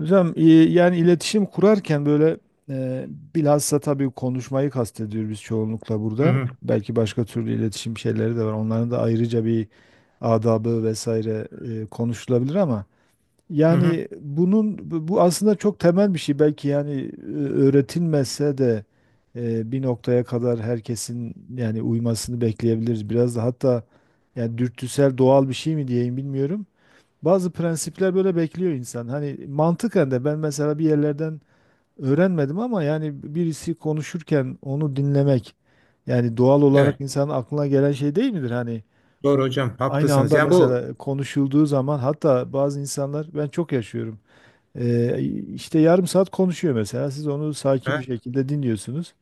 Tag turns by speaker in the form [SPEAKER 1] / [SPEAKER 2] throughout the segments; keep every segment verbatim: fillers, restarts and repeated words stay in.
[SPEAKER 1] Hocam e, yani iletişim kurarken böyle e, bilhassa tabii konuşmayı kastediyoruz biz çoğunlukla
[SPEAKER 2] Hı
[SPEAKER 1] burada.
[SPEAKER 2] hı,
[SPEAKER 1] Belki başka türlü iletişim şeyleri de var. Onların da ayrıca bir adabı vesaire e, konuşulabilir ama
[SPEAKER 2] hı hı.
[SPEAKER 1] yani bunun bu bu aslında çok temel bir şey. Belki yani e, öğretilmezse de e, bir noktaya kadar herkesin yani uymasını bekleyebiliriz. Biraz da hatta yani dürtüsel doğal bir şey mi diyeyim bilmiyorum. Bazı prensipler böyle bekliyor insan. Hani mantıken de ben mesela bir yerlerden öğrenmedim ama yani birisi konuşurken onu dinlemek yani doğal olarak
[SPEAKER 2] Evet.
[SPEAKER 1] insanın aklına gelen şey değil midir? Hani
[SPEAKER 2] Doğru hocam.
[SPEAKER 1] aynı
[SPEAKER 2] Haklısınız.
[SPEAKER 1] anda
[SPEAKER 2] Yani bu...
[SPEAKER 1] mesela konuşulduğu zaman hatta bazı insanlar ben çok yaşıyorum. Ee, işte yarım saat konuşuyor mesela. Siz onu
[SPEAKER 2] He?
[SPEAKER 1] sakin
[SPEAKER 2] Hı
[SPEAKER 1] bir şekilde dinliyorsunuz.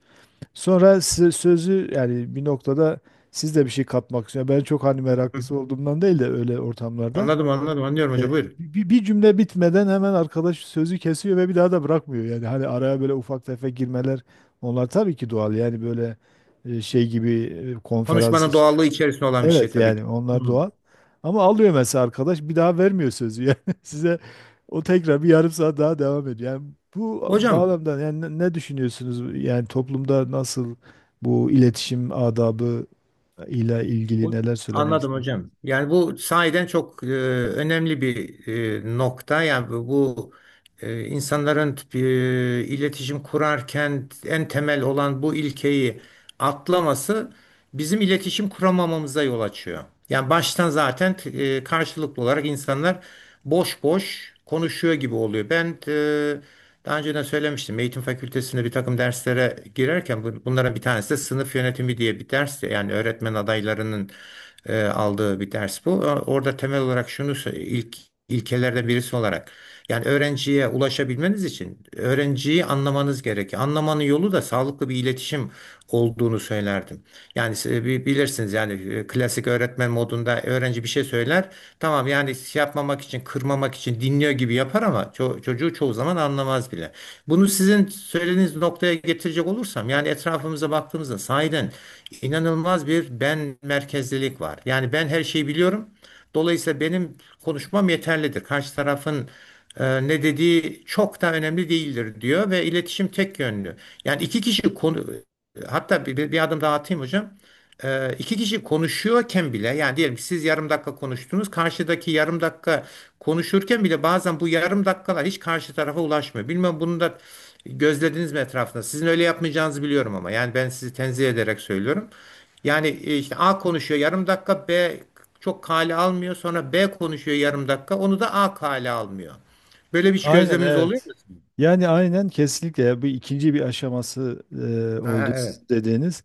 [SPEAKER 1] Sonra size sözü yani bir noktada siz de bir şey katmak istiyorsunuz. Ben çok hani
[SPEAKER 2] hı.
[SPEAKER 1] meraklısı olduğumdan değil de öyle ortamlarda.
[SPEAKER 2] Anladım anladım. Anlıyorum hocam.
[SPEAKER 1] E,
[SPEAKER 2] Buyurun.
[SPEAKER 1] bir, bir cümle bitmeden hemen arkadaş sözü kesiyor ve bir daha da bırakmıyor. Yani hani araya böyle ufak tefek girmeler onlar tabii ki doğal. Yani böyle e, şey gibi e, konferans.
[SPEAKER 2] Konuşmanın
[SPEAKER 1] iş-
[SPEAKER 2] doğallığı içerisinde olan bir şey
[SPEAKER 1] Evet
[SPEAKER 2] tabii
[SPEAKER 1] yani
[SPEAKER 2] ki. Hı.
[SPEAKER 1] onlar doğal. Ama alıyor mesela arkadaş bir daha vermiyor sözü. Yani size o tekrar bir yarım saat daha devam ediyor. Yani bu
[SPEAKER 2] Hocam.
[SPEAKER 1] bağlamda yani ne ne düşünüyorsunuz? Yani toplumda nasıl bu iletişim adabı ile ilgili
[SPEAKER 2] Bu-
[SPEAKER 1] neler söylemek
[SPEAKER 2] Anladım
[SPEAKER 1] istersiniz?
[SPEAKER 2] hocam. Yani bu sahiden çok e, önemli bir e, nokta. Yani bu, bu, e, insanların e, iletişim kurarken en temel olan bu ilkeyi atlaması bizim iletişim kuramamamıza yol açıyor. Yani baştan zaten e, karşılıklı olarak insanlar boş boş konuşuyor gibi oluyor. Ben e, daha önceden söylemiştim. Eğitim fakültesinde bir takım derslere girerken bu- bunların bir tanesi de sınıf yönetimi diye bir ders. Yani öğretmen adaylarının e, aldığı bir ders bu. O- Orada temel olarak şunu sö- ilk ilkelerden birisi olarak yani öğrenciye ulaşabilmeniz için öğrenciyi anlamanız gerekiyor. Anlamanın yolu da sağlıklı bir iletişim olduğunu söylerdim. Yani e, bi- bilirsiniz yani e, klasik öğretmen modunda öğrenci bir şey söyler. Tamam yani şey yapmamak için, kırmamak için dinliyor gibi yapar ama ço- çocuğu çoğu zaman anlamaz bile. Bunu sizin söylediğiniz noktaya getirecek olursam yani etrafımıza baktığımızda sahiden inanılmaz bir ben merkezlilik var. Yani ben her şeyi biliyorum. Dolayısıyla benim konuşmam yeterlidir. Karşı tarafın e, ne dediği çok da önemli değildir diyor ve iletişim tek yönlü. Yani iki kişi konu Hatta bir, bir bir adım daha atayım hocam. Ee, iki kişi konuşuyorken bile yani diyelim ki siz yarım dakika konuştunuz. Karşıdaki yarım dakika konuşurken bile bazen bu yarım dakikalar hiç karşı tarafa ulaşmıyor. Bilmem bunu da gözlediniz mi etrafında? Sizin öyle yapmayacağınızı biliyorum ama yani ben sizi tenzih ederek söylüyorum. Yani e, işte A konuşuyor yarım dakika B çok kale almıyor. Sonra B konuşuyor yarım dakika onu da A kale almıyor. Böyle bir hiç
[SPEAKER 1] Aynen,
[SPEAKER 2] gözleminiz oluyor
[SPEAKER 1] evet.
[SPEAKER 2] mu?
[SPEAKER 1] Yani aynen kesinlikle ya bu ikinci bir aşaması e,
[SPEAKER 2] Ha,
[SPEAKER 1] oldu
[SPEAKER 2] evet.
[SPEAKER 1] sizin dediğiniz.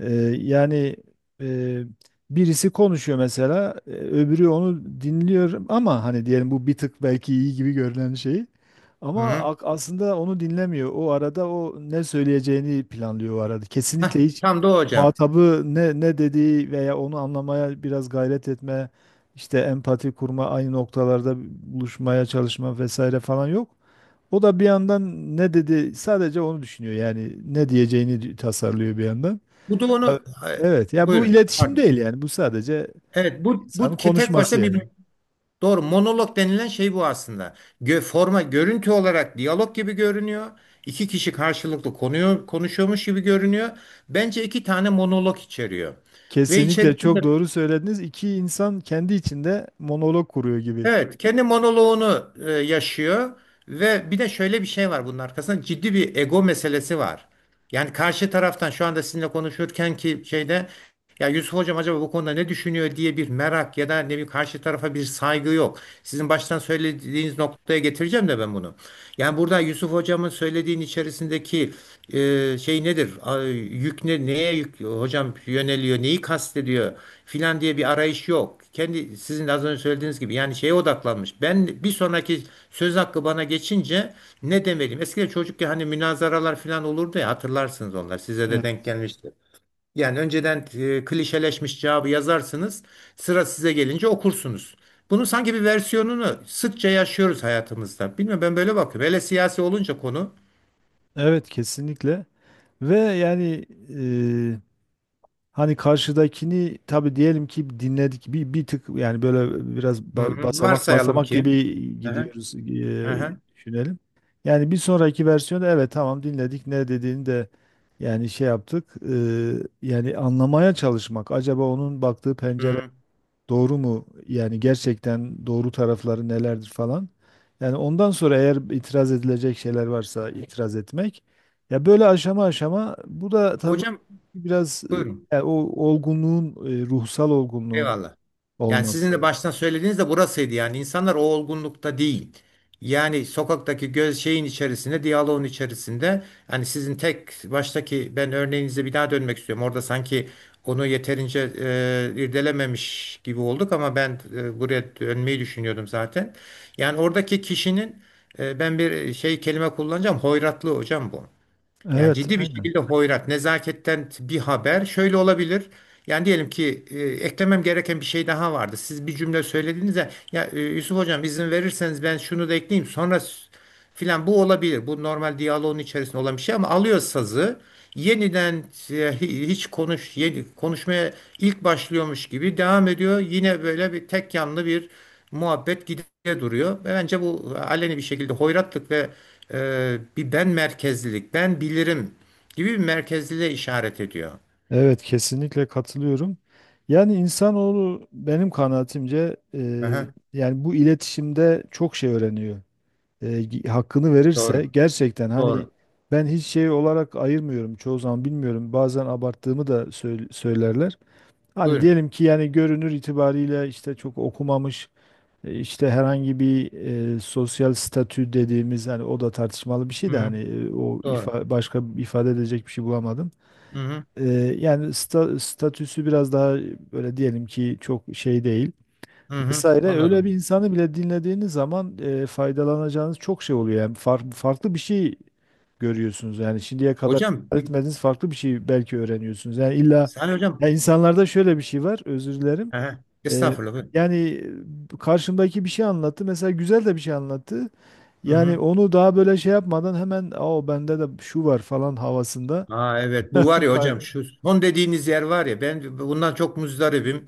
[SPEAKER 1] Ee, Yani e, birisi konuşuyor mesela, e, öbürü onu dinliyor ama hani diyelim bu bir tık belki iyi gibi görünen şey. Ama
[SPEAKER 2] Hı-hı.
[SPEAKER 1] ak- aslında onu dinlemiyor. O arada o ne söyleyeceğini planlıyor o arada. Kesinlikle
[SPEAKER 2] Hah,
[SPEAKER 1] hiç
[SPEAKER 2] tam da o hocam.
[SPEAKER 1] muhatabı ne ne dediği veya onu anlamaya biraz gayret etme, işte empati kurma, aynı noktalarda buluşmaya çalışma vesaire falan yok. O da bir yandan ne dedi sadece onu düşünüyor. Yani ne diyeceğini tasarlıyor bir yandan.
[SPEAKER 2] Bu da
[SPEAKER 1] Tabii.
[SPEAKER 2] onu... e,
[SPEAKER 1] Evet. Ya bu
[SPEAKER 2] Buyurun,
[SPEAKER 1] iletişim
[SPEAKER 2] pardon.
[SPEAKER 1] değil yani. Bu sadece
[SPEAKER 2] Evet, bu bu
[SPEAKER 1] insanın
[SPEAKER 2] ke- tek
[SPEAKER 1] konuşması
[SPEAKER 2] başta
[SPEAKER 1] yani.
[SPEAKER 2] bir, doğru, monolog denilen şey bu aslında. Gö, forma Görüntü olarak diyalog gibi görünüyor. İki kişi karşılıklı konuyor, konuşuyormuş gibi görünüyor. Bence iki tane monolog içeriyor. Ve
[SPEAKER 1] Kesinlikle çok
[SPEAKER 2] içerisinde
[SPEAKER 1] doğru söylediniz. İki insan kendi içinde monolog kuruyor gibi.
[SPEAKER 2] Evet, kendi monoloğunu e, yaşıyor ve bir de şöyle bir şey var, bunun arkasında ciddi bir ego meselesi var. Yani karşı taraftan şu anda sizinle konuşurken ki şeyde, ya Yusuf hocam acaba bu konuda ne düşünüyor diye bir merak ya da ne bir karşı tarafa bir saygı yok. Sizin baştan söylediğiniz noktaya getireceğim de ben bunu. Yani burada Yusuf hocamın söylediğin içerisindeki e, şey nedir? A- Yük ne, neye yük hocam yöneliyor, neyi kastediyor filan diye bir arayış yok, kendi sizin de az önce söylediğiniz gibi yani şeye odaklanmış. Ben bir sonraki söz hakkı bana geçince ne demeliyim? Eskiden çocukken hani münazaralar falan olurdu ya, hatırlarsınız onlar. Size de denk
[SPEAKER 1] Evet.
[SPEAKER 2] gelmiştir. Yani önceden e, klişeleşmiş cevabı yazarsınız. Sıra size gelince okursunuz. Bunun sanki bir versiyonunu sıkça yaşıyoruz hayatımızda. Bilmiyorum, ben böyle bakıyorum. Hele siyasi olunca konu.
[SPEAKER 1] Evet, kesinlikle. Ve yani hani karşıdakini tabii diyelim ki dinledik bir bir tık yani böyle biraz
[SPEAKER 2] Hı
[SPEAKER 1] ba-
[SPEAKER 2] hı.
[SPEAKER 1] basamak
[SPEAKER 2] Varsayalım
[SPEAKER 1] basamak gibi
[SPEAKER 2] ki. Hı hı.
[SPEAKER 1] gidiyoruz
[SPEAKER 2] Hı
[SPEAKER 1] eee,
[SPEAKER 2] hı.
[SPEAKER 1] düşünelim. Yani bir sonraki versiyonda evet tamam dinledik ne dediğini de yani şey yaptık, eee, yani anlamaya çalışmak acaba onun baktığı
[SPEAKER 2] Hı.
[SPEAKER 1] pencere
[SPEAKER 2] Hı.
[SPEAKER 1] doğru mu? Yani gerçekten doğru tarafları nelerdir falan. Yani ondan sonra eğer itiraz edilecek şeyler varsa itiraz etmek. Ya böyle aşama aşama bu da tabii
[SPEAKER 2] Hocam
[SPEAKER 1] biraz
[SPEAKER 2] buyurun.
[SPEAKER 1] e, o olgunluğun, e, ruhsal olgunluğun
[SPEAKER 2] Eyvallah. Yani sizin de
[SPEAKER 1] olması.
[SPEAKER 2] baştan söylediğiniz de burasıydı, yani insanlar o olgunlukta değil. Yani sokaktaki göz şeyin içerisinde, diyaloğun içerisinde, hani sizin tek baştaki ben örneğinize bir daha dönmek istiyorum. Orada sanki onu yeterince e, irdelememiş gibi olduk, ama ben e, buraya dönmeyi düşünüyordum zaten. Yani oradaki kişinin e, ben bir şey kelime kullanacağım. Hoyratlı hocam bu. Yani
[SPEAKER 1] Evet,
[SPEAKER 2] ciddi bir
[SPEAKER 1] aynen.
[SPEAKER 2] şekilde hoyrat, nezaketten bir haber, şöyle olabilir. Yani diyelim ki e, eklemem gereken bir şey daha vardı. Siz bir cümle söylediğinizde, ya e, Yusuf hocam izin verirseniz ben şunu da ekleyeyim sonra s- filan, bu olabilir. Bu normal diyaloğun içerisinde olan bir şey, ama alıyor sazı yeniden e, hi- hiç konuş yeni konuşmaya ilk başlıyormuş gibi devam ediyor. Yine böyle bir tek yanlı bir muhabbet gide duruyor. Ve bence bu aleni bir şekilde hoyratlık ve e, bir ben merkezlilik, ben bilirim gibi bir merkezliliğe işaret ediyor.
[SPEAKER 1] Evet, kesinlikle katılıyorum. Yani insanoğlu benim kanaatimce e,
[SPEAKER 2] Aha,
[SPEAKER 1] yani bu iletişimde çok şey öğreniyor. e, Hakkını verirse
[SPEAKER 2] doğru,
[SPEAKER 1] gerçekten hani
[SPEAKER 2] doğru.
[SPEAKER 1] ben hiç şey olarak ayırmıyorum çoğu zaman, bilmiyorum, bazen abarttığımı da söyl- söylerler. Hani
[SPEAKER 2] Buyurun.
[SPEAKER 1] diyelim ki yani görünür itibariyle işte çok okumamış, e, işte herhangi bir e, sosyal statü dediğimiz, hani o da tartışmalı bir şey de,
[SPEAKER 2] Hı,
[SPEAKER 1] hani e, o
[SPEAKER 2] doğru.
[SPEAKER 1] ifa, başka bir ifade edecek bir şey bulamadım.
[SPEAKER 2] Hı hı,
[SPEAKER 1] E, Yani sta- statüsü biraz daha böyle diyelim ki çok şey değil
[SPEAKER 2] hı hı,
[SPEAKER 1] vesaire, öyle bir
[SPEAKER 2] anladım.
[SPEAKER 1] insanı bile dinlediğiniz zaman e, faydalanacağınız çok şey oluyor. Yani far- farklı bir şey görüyorsunuz. Yani şimdiye kadar
[SPEAKER 2] Hocam, bir-
[SPEAKER 1] etmediğiniz farklı bir şey belki öğreniyorsunuz. Yani illa
[SPEAKER 2] Salih
[SPEAKER 1] ya,
[SPEAKER 2] hocam.
[SPEAKER 1] insanlarda şöyle bir şey var. Özür dilerim.
[SPEAKER 2] Aha,
[SPEAKER 1] E,
[SPEAKER 2] estağfurullah. Buyurun.
[SPEAKER 1] Yani e, karşımdaki bir şey anlattı. Mesela güzel de bir şey anlattı.
[SPEAKER 2] Hı
[SPEAKER 1] Yani
[SPEAKER 2] hı.
[SPEAKER 1] onu daha böyle şey yapmadan hemen o bende de şu var falan havasında.
[SPEAKER 2] Ha, evet, bu var ya
[SPEAKER 1] Kay-
[SPEAKER 2] hocam, şu son dediğiniz yer var ya, ben bundan çok muzdaribim.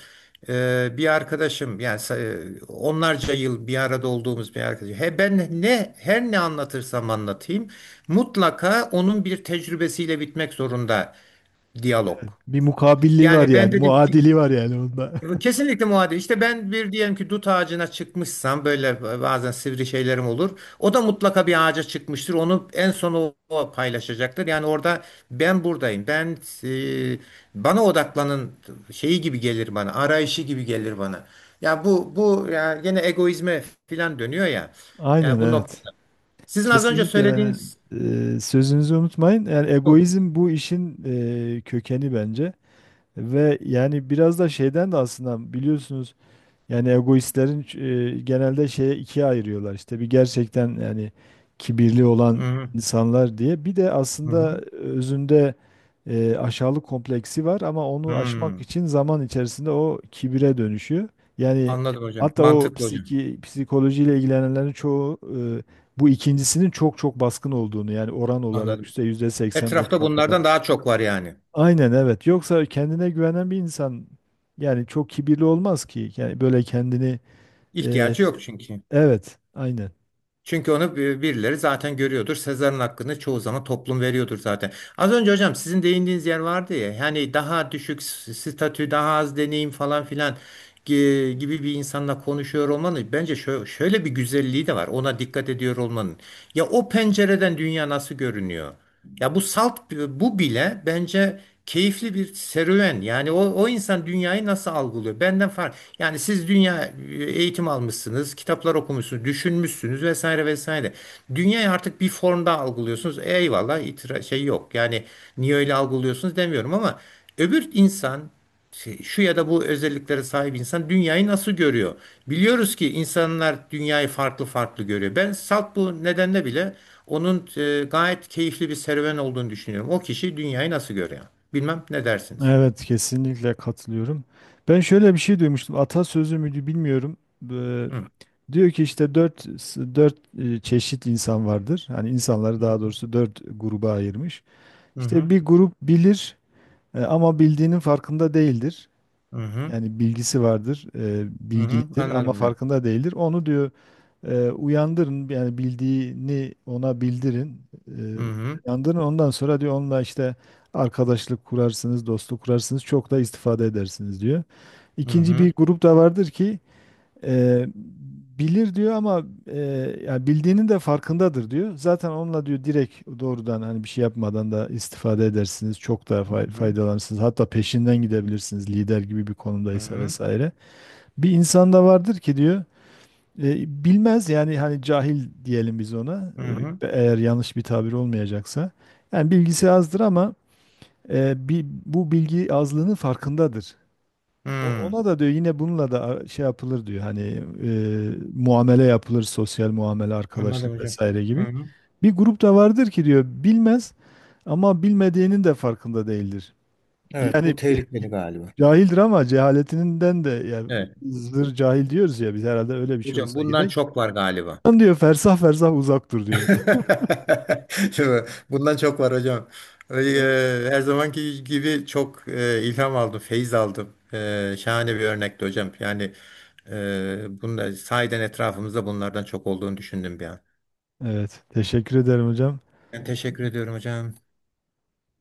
[SPEAKER 2] Ee, bir arkadaşım, yani sa- onlarca yıl bir arada olduğumuz bir arkadaşım. He, ben ne her ne anlatırsam anlatayım mutlaka onun bir tecrübesiyle bitmek zorunda diyalog.
[SPEAKER 1] Evet, bir mukabilliği var
[SPEAKER 2] Yani ben
[SPEAKER 1] yani.
[SPEAKER 2] dedim ki
[SPEAKER 1] Muadili var yani onda.
[SPEAKER 2] bu kesinlikle muadil. İşte ben bir diyelim ki dut ağacına çıkmışsam, böyle bazen sivri şeylerim olur. O da mutlaka bir ağaca çıkmıştır. Onu en son o, o paylaşacaktır. Yani orada ben buradayım. Ben e, bana odaklanın şeyi gibi gelir bana. Arayışı gibi gelir bana. Ya bu bu ya gene egoizme filan dönüyor ya.
[SPEAKER 1] Aynen,
[SPEAKER 2] Ya bu
[SPEAKER 1] evet.
[SPEAKER 2] noktada. Sizin az önce
[SPEAKER 1] Kesinlikle, ben
[SPEAKER 2] söylediğiniz...
[SPEAKER 1] e, sözünüzü unutmayın. Yani
[SPEAKER 2] Hı
[SPEAKER 1] egoizm bu işin e, kökeni bence. Ve yani biraz da şeyden de aslında biliyorsunuz, yani egoistlerin e, genelde şeye ikiye ayırıyorlar. İşte bir, gerçekten yani kibirli olan
[SPEAKER 2] hı,
[SPEAKER 1] insanlar diye. Bir de
[SPEAKER 2] hı hı,
[SPEAKER 1] aslında
[SPEAKER 2] hı.
[SPEAKER 1] özünde e, aşağılık kompleksi var ama onu, evet, aşmak
[SPEAKER 2] Hmm.
[SPEAKER 1] için zaman içerisinde o kibire dönüşüyor. Yani
[SPEAKER 2] Anladım hocam.
[SPEAKER 1] hatta o
[SPEAKER 2] Mantıklı hocam.
[SPEAKER 1] psiki, psikolojiyle ilgilenenlerin çoğu, e, bu ikincisinin çok çok baskın olduğunu, yani oran olarak
[SPEAKER 2] Anladım.
[SPEAKER 1] işte yüzde
[SPEAKER 2] Etrafta
[SPEAKER 1] seksen doksanlardan.
[SPEAKER 2] bunlardan daha çok var yani.
[SPEAKER 1] Aynen, evet. Yoksa kendine güvenen bir insan yani çok kibirli olmaz ki. Yani böyle kendini ee,
[SPEAKER 2] İhtiyacı yok çünkü.
[SPEAKER 1] evet, aynen.
[SPEAKER 2] Çünkü onu bir- birileri zaten görüyordur. Sezar'ın hakkını çoğu zaman toplum veriyordur zaten. Az önce hocam sizin değindiğiniz yer vardı ya. Yani daha düşük s- statü, daha az deneyim falan filan gi- gibi bir insanla konuşuyor olmanın bence şö- şöyle bir güzelliği de var. Ona dikkat ediyor olmanın. Ya o pencereden dünya nasıl görünüyor? Ya bu salt bu bile bence keyifli bir serüven. Yani o, o insan dünyayı nasıl algılıyor? Benden fark. Yani siz dünya e, eğitim almışsınız, kitaplar okumuşsunuz, düşünmüşsünüz vesaire vesaire. Dünyayı artık bir formda algılıyorsunuz. Eyvallah, itira şey yok. Yani niye öyle algılıyorsunuz demiyorum, ama öbür insan, şey- şu ya da bu özelliklere sahip insan dünyayı nasıl görüyor? Biliyoruz ki insanlar dünyayı farklı farklı görüyor. Ben salt bu nedenle bile onun e, gayet keyifli bir serüven olduğunu düşünüyorum. O kişi dünyayı nasıl görüyor? Bilmem ne dersiniz?
[SPEAKER 1] Evet, kesinlikle katılıyorum. Ben şöyle bir şey duymuştum. Atasözü müydü bilmiyorum. Ee,
[SPEAKER 2] Hı
[SPEAKER 1] Diyor ki işte dört, dört e, çeşit insan vardır. Hani insanları,
[SPEAKER 2] hı,
[SPEAKER 1] daha doğrusu, dört gruba ayırmış.
[SPEAKER 2] hı
[SPEAKER 1] İşte bir grup bilir e, ama bildiğinin farkında değildir.
[SPEAKER 2] hı, hı
[SPEAKER 1] Yani bilgisi vardır, e,
[SPEAKER 2] hı, hı.
[SPEAKER 1] bilgilidir ama
[SPEAKER 2] Anladım hocam.
[SPEAKER 1] farkında değildir. Onu diyor e, uyandırın, yani bildiğini ona bildirin. E,
[SPEAKER 2] Hı hı,
[SPEAKER 1] Uyandırın, ondan sonra diyor onunla işte arkadaşlık kurarsınız, dostluk kurarsınız, çok da istifade edersiniz diyor.
[SPEAKER 2] hı
[SPEAKER 1] İkinci
[SPEAKER 2] hı,
[SPEAKER 1] bir grup da vardır ki Eee, bilir diyor ama eee yani bildiğinin de farkındadır diyor. Zaten onunla diyor direkt doğrudan, hani bir şey yapmadan da istifade edersiniz. Çok daha fay-
[SPEAKER 2] hı
[SPEAKER 1] faydalanırsınız. Hatta peşinden gidebilirsiniz lider gibi bir konumdaysa
[SPEAKER 2] hı,
[SPEAKER 1] vesaire. Bir insanda vardır ki diyor eee, bilmez, yani hani cahil diyelim biz ona,
[SPEAKER 2] hı
[SPEAKER 1] eee,
[SPEAKER 2] hı.
[SPEAKER 1] eğer yanlış bir tabir olmayacaksa. Yani bilgisi azdır ama eee, bi- bu bilgi azlığının farkındadır. O-
[SPEAKER 2] Hı.
[SPEAKER 1] Ona da diyor, yine bununla da şey yapılır diyor, hani e, muamele yapılır, sosyal muamele,
[SPEAKER 2] Anladım
[SPEAKER 1] arkadaşlık
[SPEAKER 2] hocam.
[SPEAKER 1] vesaire
[SPEAKER 2] Hı
[SPEAKER 1] gibi.
[SPEAKER 2] hı.
[SPEAKER 1] Bir grup da vardır ki diyor bilmez ama bilmediğinin de farkında değildir.
[SPEAKER 2] Evet,
[SPEAKER 1] Yani
[SPEAKER 2] bu tehlikeli galiba.
[SPEAKER 1] cahildir ama cehaletinden de, yani
[SPEAKER 2] Evet.
[SPEAKER 1] zır cahil diyoruz ya biz, herhalde öyle bir şey
[SPEAKER 2] Hocam
[SPEAKER 1] olsa
[SPEAKER 2] bundan
[SPEAKER 1] gerek.
[SPEAKER 2] çok var galiba.
[SPEAKER 1] Lan diyor, fersah fersah uzak dur diyor.
[SPEAKER 2] Değil. Bundan çok var hocam.
[SPEAKER 1] Evet.
[SPEAKER 2] Ee, Her zamanki gibi çok e, ilham aldım, feyiz aldım. Ee, Şahane bir örnekti hocam. Yani e, bunlar, sahiden etrafımızda bunlardan çok olduğunu düşündüm bir an.
[SPEAKER 1] Evet, teşekkür ederim hocam.
[SPEAKER 2] Ben teşekkür ediyorum hocam.